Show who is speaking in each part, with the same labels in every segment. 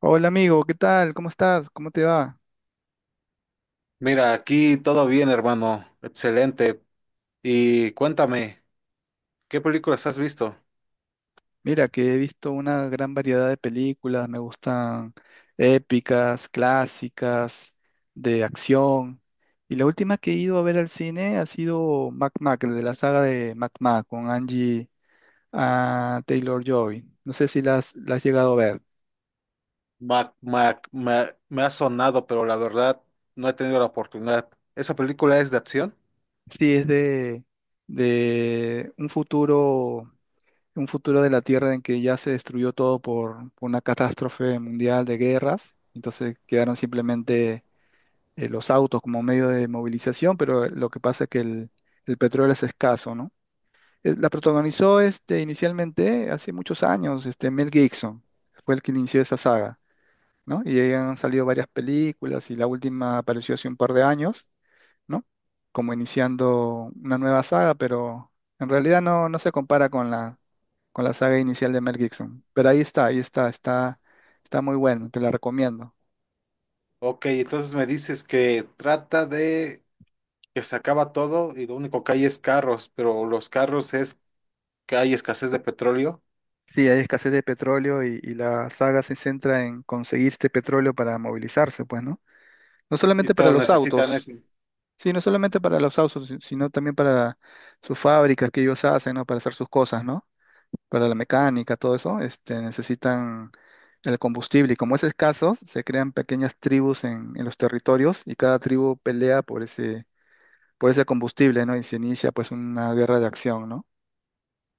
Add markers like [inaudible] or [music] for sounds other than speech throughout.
Speaker 1: Hola amigo, ¿qué tal? ¿Cómo estás? ¿Cómo te va?
Speaker 2: Mira, aquí todo bien, hermano. Excelente. Y cuéntame, ¿qué películas has visto?
Speaker 1: Mira, que he visto una gran variedad de películas, me gustan épicas, clásicas, de acción. Y la última que he ido a ver al cine ha sido Mac Mac, el de la saga de Mac Mac con Angie Taylor-Joy. No sé si la has llegado a ver.
Speaker 2: Me ha sonado, pero la verdad no he tenido la oportunidad. ¿Esa película es de acción?
Speaker 1: Sí, es de un futuro de la Tierra en que ya se destruyó todo por una catástrofe mundial de guerras. Entonces quedaron simplemente, los autos como medio de movilización, pero lo que pasa es que el petróleo es escaso, ¿no? La protagonizó este, inicialmente hace muchos años, este, Mel Gibson, fue el que inició esa saga, ¿no? Y ahí han salido varias películas y la última apareció hace un par de años, ¿no? Como iniciando una nueva saga, pero en realidad no se compara con la saga inicial de Mel Gibson. Pero ahí está, está muy bueno, te la recomiendo.
Speaker 2: Ok, entonces me dices que trata de que se acaba todo y lo único que hay es carros, pero los carros es que hay escasez de petróleo
Speaker 1: Sí, hay escasez de petróleo y la saga se centra en conseguir este petróleo para movilizarse, pues, ¿no? No
Speaker 2: y
Speaker 1: solamente para
Speaker 2: todos
Speaker 1: los
Speaker 2: necesitan
Speaker 1: autos,
Speaker 2: eso.
Speaker 1: sí, no solamente para los autos, sino también para sus fábricas que ellos hacen, ¿no? Para hacer sus cosas, ¿no? Para la mecánica, todo eso, este, necesitan el combustible. Y como es escaso, se crean pequeñas tribus en los territorios y cada tribu pelea por ese combustible, ¿no? Y se inicia pues una guerra de acción, ¿no?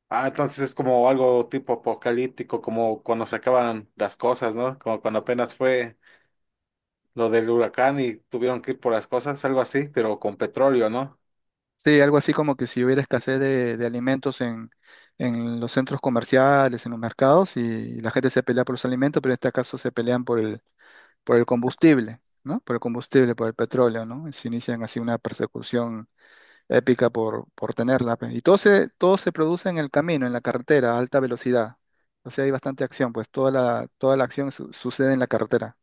Speaker 2: Ah, entonces es como algo tipo apocalíptico, como cuando se acaban las cosas, ¿no? Como cuando apenas fue lo del huracán y tuvieron que ir por las cosas, algo así, pero con petróleo, ¿no?
Speaker 1: Sí, algo así como que si hubiera escasez de alimentos en los centros comerciales, en los mercados, y la gente se pelea por los alimentos, pero en este caso se pelean por el combustible, ¿no? Por el combustible, por el petróleo, ¿no? Y se inician así una persecución épica por tenerla, pues. Y todo se produce en el camino, en la carretera, a alta velocidad. O sea, hay bastante acción, pues toda la acción sucede en la carretera.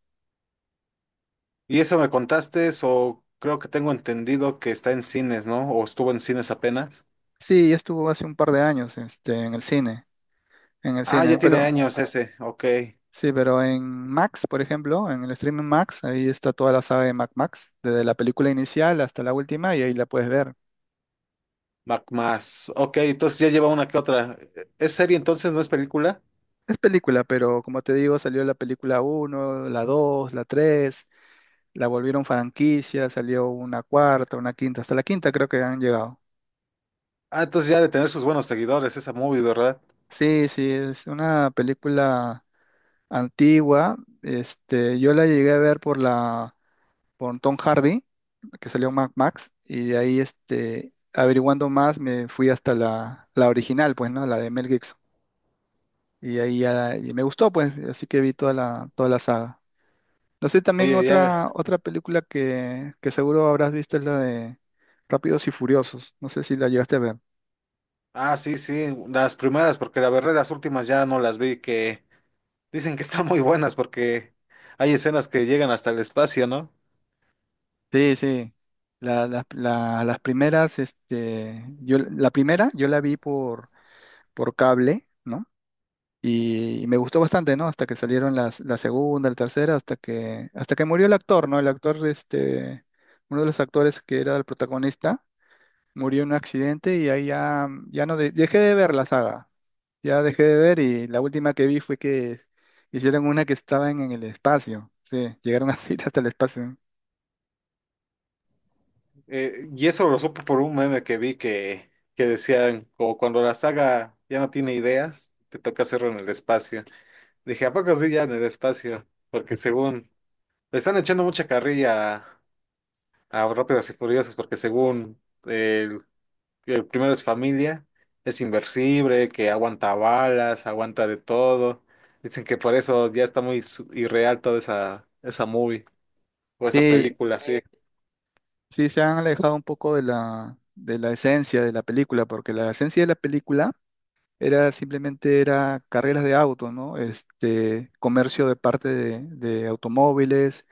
Speaker 2: Y eso me contaste, o creo que tengo entendido que está en cines, ¿no? O estuvo en cines apenas.
Speaker 1: Sí, ya estuvo hace un par de años, este, en el cine. en el
Speaker 2: Ah,
Speaker 1: cine,
Speaker 2: ya tiene
Speaker 1: pero
Speaker 2: años ese, ok.
Speaker 1: sí, pero en Max, por ejemplo, en el streaming Max, ahí está toda la saga de Mac Max, desde la película inicial hasta la última, y ahí la puedes ver.
Speaker 2: Mac más. Ok, entonces ya lleva una que otra. ¿Es serie entonces, no es película?
Speaker 1: Es película, pero como te digo, salió la película uno, la 2, la 3, la volvieron franquicia, salió una cuarta, una quinta, hasta la quinta creo que han llegado.
Speaker 2: Ah, entonces ya ha de tener sus buenos seguidores, esa movie, ¿verdad?
Speaker 1: Sí, sí, es una película antigua. Este, yo la llegué a ver por Tom Hardy que salió en Mad Max, y de ahí este, averiguando más me fui hasta la original, pues, ¿no? La de Mel Gibson. Y ahí ya y me gustó, pues, así que vi toda la saga. No sé, también
Speaker 2: Oye, ya.
Speaker 1: otra película que seguro habrás visto es la de Rápidos y Furiosos. No sé si la llegaste a ver.
Speaker 2: Ah, sí, sí, las primeras, porque la verdad las últimas ya no las vi, que dicen que están muy buenas porque hay escenas que llegan hasta el espacio, ¿no?
Speaker 1: Sí, sí. Las primeras, este, yo, la primera yo la vi por cable, ¿no? Y me gustó bastante, ¿no? Hasta que salieron la segunda, la tercera, hasta que murió el actor, ¿no? El actor, este, uno de los actores que era el protagonista, murió en un accidente y ahí ya, ya no dejé de ver la saga. Ya dejé de ver y la última que vi fue que hicieron una que estaban en el espacio. Sí, llegaron así [laughs] hasta el espacio.
Speaker 2: Y eso lo supe por un meme que vi que decían, o cuando la saga ya no tiene ideas, te toca hacerlo en el espacio. Dije, ¿a poco sí ya en el espacio? Porque según, le están echando mucha carrilla a Rápidas y Furiosas, porque según el, el primero es familia, es inversible, que aguanta balas, aguanta de todo. Dicen que por eso ya está muy irreal toda esa, esa movie o esa
Speaker 1: Sí,
Speaker 2: película así.
Speaker 1: sí, se han alejado un poco de la esencia de la película, porque la esencia de la película era simplemente era carreras de autos, ¿no? Este, comercio de parte de automóviles,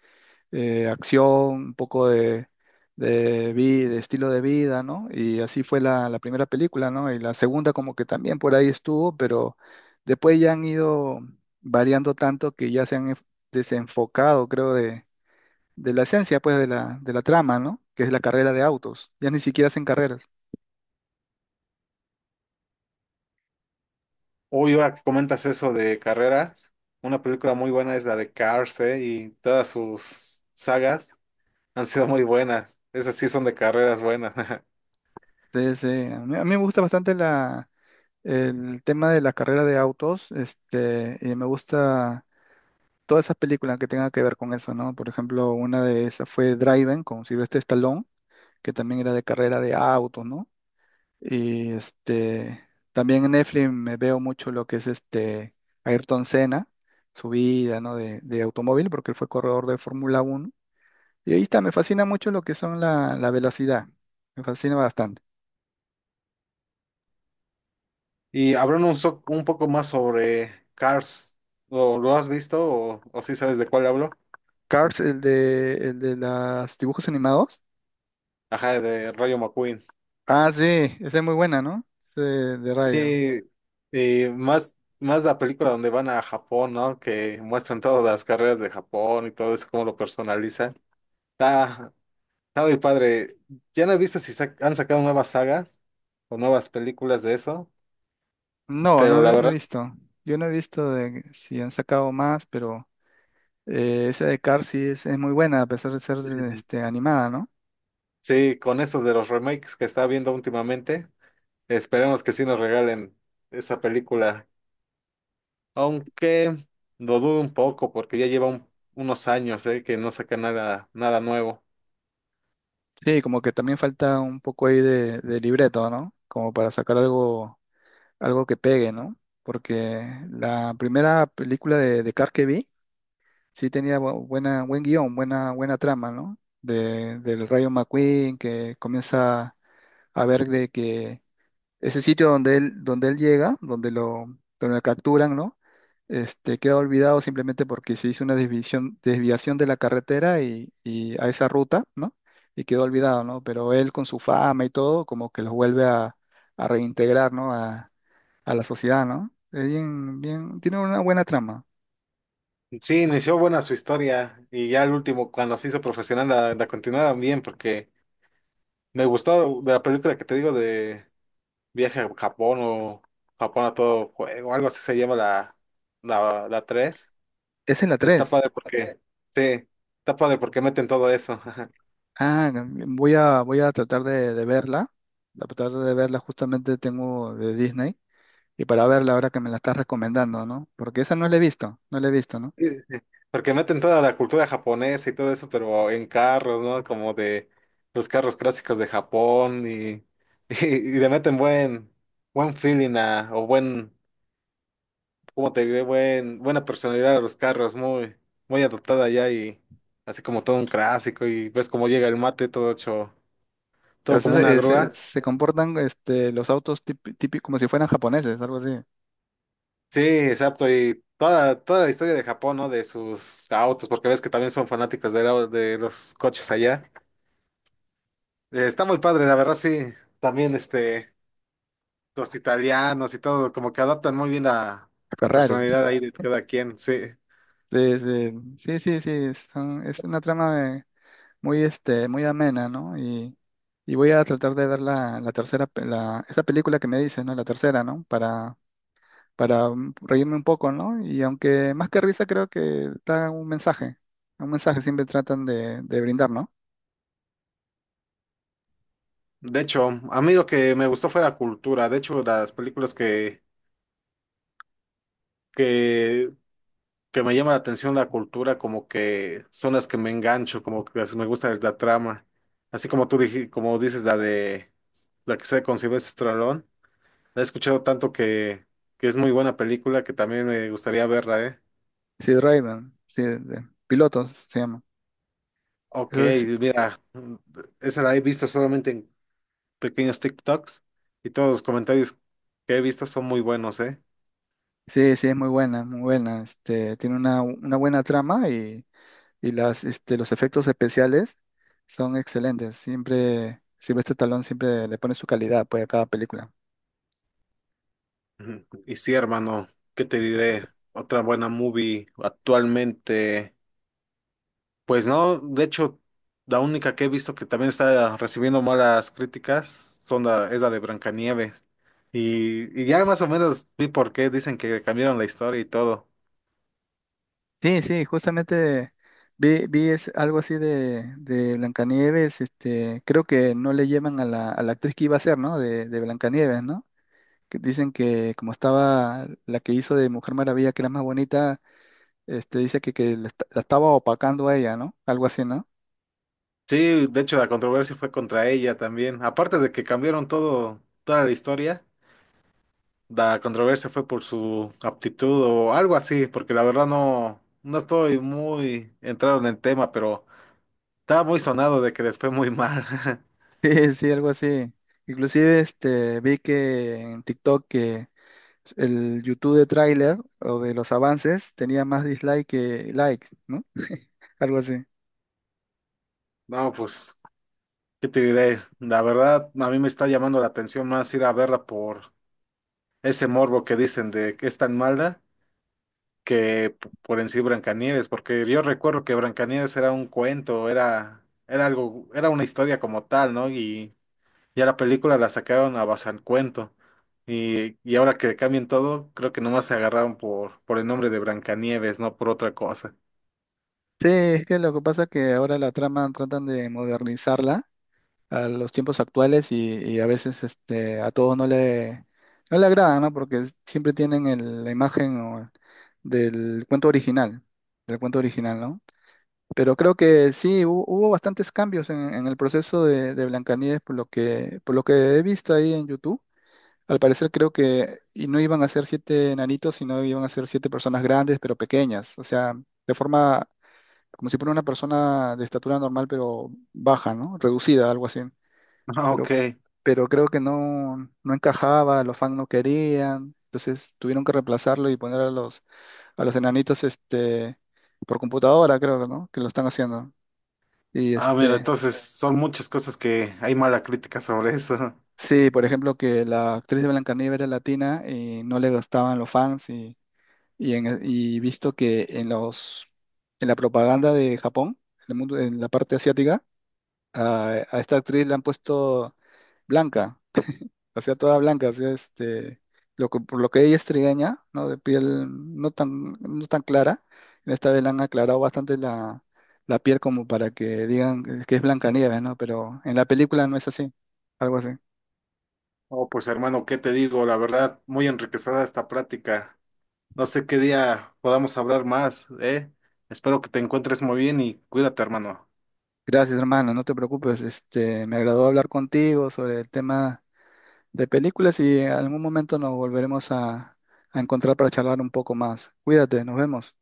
Speaker 1: acción, un poco de estilo de vida, ¿no? Y así fue la primera película, ¿no? Y la segunda como que también por ahí estuvo, pero después ya han ido variando tanto que ya se han desenfocado, creo, de la esencia, pues, de la trama, ¿no? Que es la carrera de autos. Ya ni siquiera hacen carreras.
Speaker 2: Uy, ahora que comentas eso de carreras, una película muy buena es la de Cars, ¿eh? Y todas sus sagas han sido muy buenas. Esas sí son de carreras buenas. [laughs]
Speaker 1: Entonces, a mí me gusta bastante la el tema de la carrera de autos, este, y me gusta todas esas películas que tengan que ver con eso, ¿no? Por ejemplo, una de esas fue Driven con Sylvester Stallone, que también era de carrera de autos, ¿no? Y este, también en Netflix me veo mucho lo que es este Ayrton Senna, su vida, ¿no? De automóvil, porque él fue corredor de Fórmula 1. Y ahí está, me fascina mucho lo que son la velocidad, me fascina bastante.
Speaker 2: Y hablando un, un poco más sobre Cars, ¿ lo has visto o sí sabes de cuál hablo?
Speaker 1: Cars, el de los dibujos animados.
Speaker 2: Ajá, de Rayo McQueen.
Speaker 1: Ah, sí, esa es muy buena, ¿no? Sí, de Rayo.
Speaker 2: Y, y más, más la película donde van a Japón, ¿no? Que muestran todas las carreras de Japón y todo eso, cómo lo personalizan. Está, Está muy padre. Ya no he visto si han sacado nuevas sagas o nuevas películas de eso,
Speaker 1: No,
Speaker 2: pero
Speaker 1: no,
Speaker 2: la
Speaker 1: he no he
Speaker 2: verdad,
Speaker 1: visto. Yo no he visto de si han sacado más, pero esa de Cars sí es muy buena, a pesar de ser este, animada, ¿no?
Speaker 2: [laughs] sí, con estos de los remakes que está viendo últimamente, esperemos que sí nos regalen esa película. Aunque lo dudo un poco porque ya lleva unos años, que no saca nada, nada nuevo.
Speaker 1: Sí, como que también falta un poco ahí de libreto, ¿no? Como para sacar algo, algo que pegue, ¿no? Porque la primera película de Cars que vi sí tenía buena, buen guión, buena trama, ¿no? Del Rayo McQueen que comienza a ver de que ese sitio donde él llega, donde lo capturan, ¿no? Este, queda olvidado simplemente porque se hizo una desviación de la carretera y a esa ruta, ¿no? Y quedó olvidado, ¿no? Pero él con su fama y todo, como que los vuelve a reintegrar, ¿no? A la sociedad, ¿no? Es bien, bien, tiene una buena trama.
Speaker 2: Sí, inició buena su historia y ya el último, cuando se hizo profesional, la continuaron bien porque me gustó de la película que te digo Viaje a Japón o Japón a todo juego, algo así se llama la tres.
Speaker 1: Esa es en la
Speaker 2: Está
Speaker 1: tres.
Speaker 2: padre porque, sí, está padre porque meten todo eso. [laughs]
Speaker 1: Ah, voy a tratar de verla. A tratar de verla justamente tengo de Disney y para verla ahora que me la estás recomendando, ¿no? Porque esa no la he visto, no la he visto, ¿no?
Speaker 2: Sí, sí, sí. Porque meten toda la cultura japonesa y todo eso, pero en carros, ¿no? Como de los carros clásicos de Japón y, [laughs] y le meten buen, buen feeling a, o buen, ¿cómo te diré? Buen, buena personalidad a los carros, muy, muy adoptada ya y así como todo un clásico y ves cómo llega el mate todo hecho, todo como
Speaker 1: Entonces,
Speaker 2: una grúa.
Speaker 1: se comportan este, los autos típicos como si fueran japoneses, algo así.
Speaker 2: Sí, exacto, y toda, toda la historia de Japón, ¿no? De sus autos, porque ves que también son fanáticos de, de los coches allá. Está muy padre, la verdad, sí. También, este, los italianos y todo, como que adaptan muy bien la
Speaker 1: Ferrari.
Speaker 2: personalidad ahí de cada quien, sí.
Speaker 1: Sí, sí, sí, sí, sí, es una trama, este, muy amena, ¿no? Y voy a tratar de ver la tercera, esa película que me dices, ¿no? La tercera, ¿no? Para reírme un poco, ¿no? Y aunque más que risa creo que da un mensaje siempre tratan de brindar, ¿no?
Speaker 2: De hecho, a mí lo que me gustó fue la cultura. De hecho, las películas que que me llama la atención la cultura, como que son las que me engancho, como que me gusta la trama. Así como como dices, la de la que se con Sylvester Stallone, la he escuchado tanto que es muy buena película que también me gustaría verla, ¿eh?
Speaker 1: Sí, Rayman, sí, pilotos se llama.
Speaker 2: Ok,
Speaker 1: Eso es-
Speaker 2: mira, esa la he visto solamente en pequeños TikToks y todos los comentarios que he visto son muy buenos, ¿eh?
Speaker 1: sí, sí, es muy buena, muy buena. Este, tiene una buena trama y este, los efectos especiales son excelentes. Siempre, siempre este talón siempre le pone su calidad pues, a cada película.
Speaker 2: Ujú. Y sí, hermano, ¿qué te diré? Otra buena movie actualmente. Pues no, de hecho, la única que he visto que también está recibiendo malas críticas son la, es la de Blancanieves. Y ya más o menos vi por qué dicen que cambiaron la historia y todo.
Speaker 1: Sí, sí, justamente vi es algo así de Blancanieves. Este, creo que no le llevan a la actriz que iba a ser, ¿no? De Blancanieves, ¿no? Que dicen que como estaba la que hizo de Mujer Maravilla, que era más bonita. Este, dice que la estaba opacando a ella, ¿no? Algo así, ¿no? [laughs]
Speaker 2: Sí, de hecho la controversia fue contra ella también. Aparte de que cambiaron todo, toda la historia, la controversia fue por su aptitud o algo así, porque la verdad no, no estoy muy entrado en el tema, pero estaba muy sonado de que les fue muy mal. [laughs]
Speaker 1: Sí, sí, algo así. Inclusive este, vi que en TikTok que el YouTube de tráiler o de los avances tenía más dislike que like, ¿no? [laughs] Algo así.
Speaker 2: No, pues. ¿Qué te diré? La verdad, a mí me está llamando la atención más ir a verla por ese morbo que dicen de que es tan mala que por en sí Blancanieves, porque yo recuerdo que Blancanieves era un cuento, era algo, era una historia como tal, ¿no? Y ya la película la sacaron a base del cuento. Y ahora que cambien todo, creo que nomás se agarraron por el nombre de Blancanieves, no por otra cosa.
Speaker 1: Sí, es que lo que pasa es que ahora la trama tratan de modernizarla a los tiempos actuales y a veces este, a todos no le agrada, ¿no? Porque siempre tienen la imagen del cuento original, del cuento original, ¿no? Pero creo que sí, hubo bastantes cambios en el proceso de Blancanieves, por lo que he visto ahí en YouTube. Al parecer creo que y no iban a ser siete enanitos, sino iban a ser siete personas grandes, pero pequeñas. O sea, de forma como si fuera una persona de estatura normal, pero baja, ¿no? Reducida, algo así.
Speaker 2: [laughs] Ah,
Speaker 1: Pero,
Speaker 2: ok.
Speaker 1: pero creo que no encajaba, los fans no querían. Entonces tuvieron que reemplazarlo y poner a los enanitos este, por computadora, creo, ¿no? Que lo están haciendo. Y
Speaker 2: Ah, mira,
Speaker 1: este,
Speaker 2: entonces son muchas cosas que hay mala crítica sobre eso.
Speaker 1: sí, por ejemplo, que la actriz de Blancanieves era latina y no le gustaban los fans y visto que en la propaganda de Japón, en el mundo, en la parte asiática, a esta actriz la han puesto blanca. O sea, toda blanca. O sea, este, por lo que ella es trigueña, ¿no? De piel no tan clara, en esta vez la han aclarado bastante la piel como para que digan que es Blancanieves, ¿no? Pero en la película no es así, algo así.
Speaker 2: Oh, pues hermano, ¿qué te digo? La verdad, muy enriquecedora esta práctica. No sé qué día podamos hablar más, ¿eh? Espero que te encuentres muy bien y cuídate, hermano.
Speaker 1: Gracias, hermano, no te preocupes. Este, me agradó hablar contigo sobre el tema de películas y en algún momento nos volveremos a encontrar para charlar un poco más. Cuídate, nos vemos.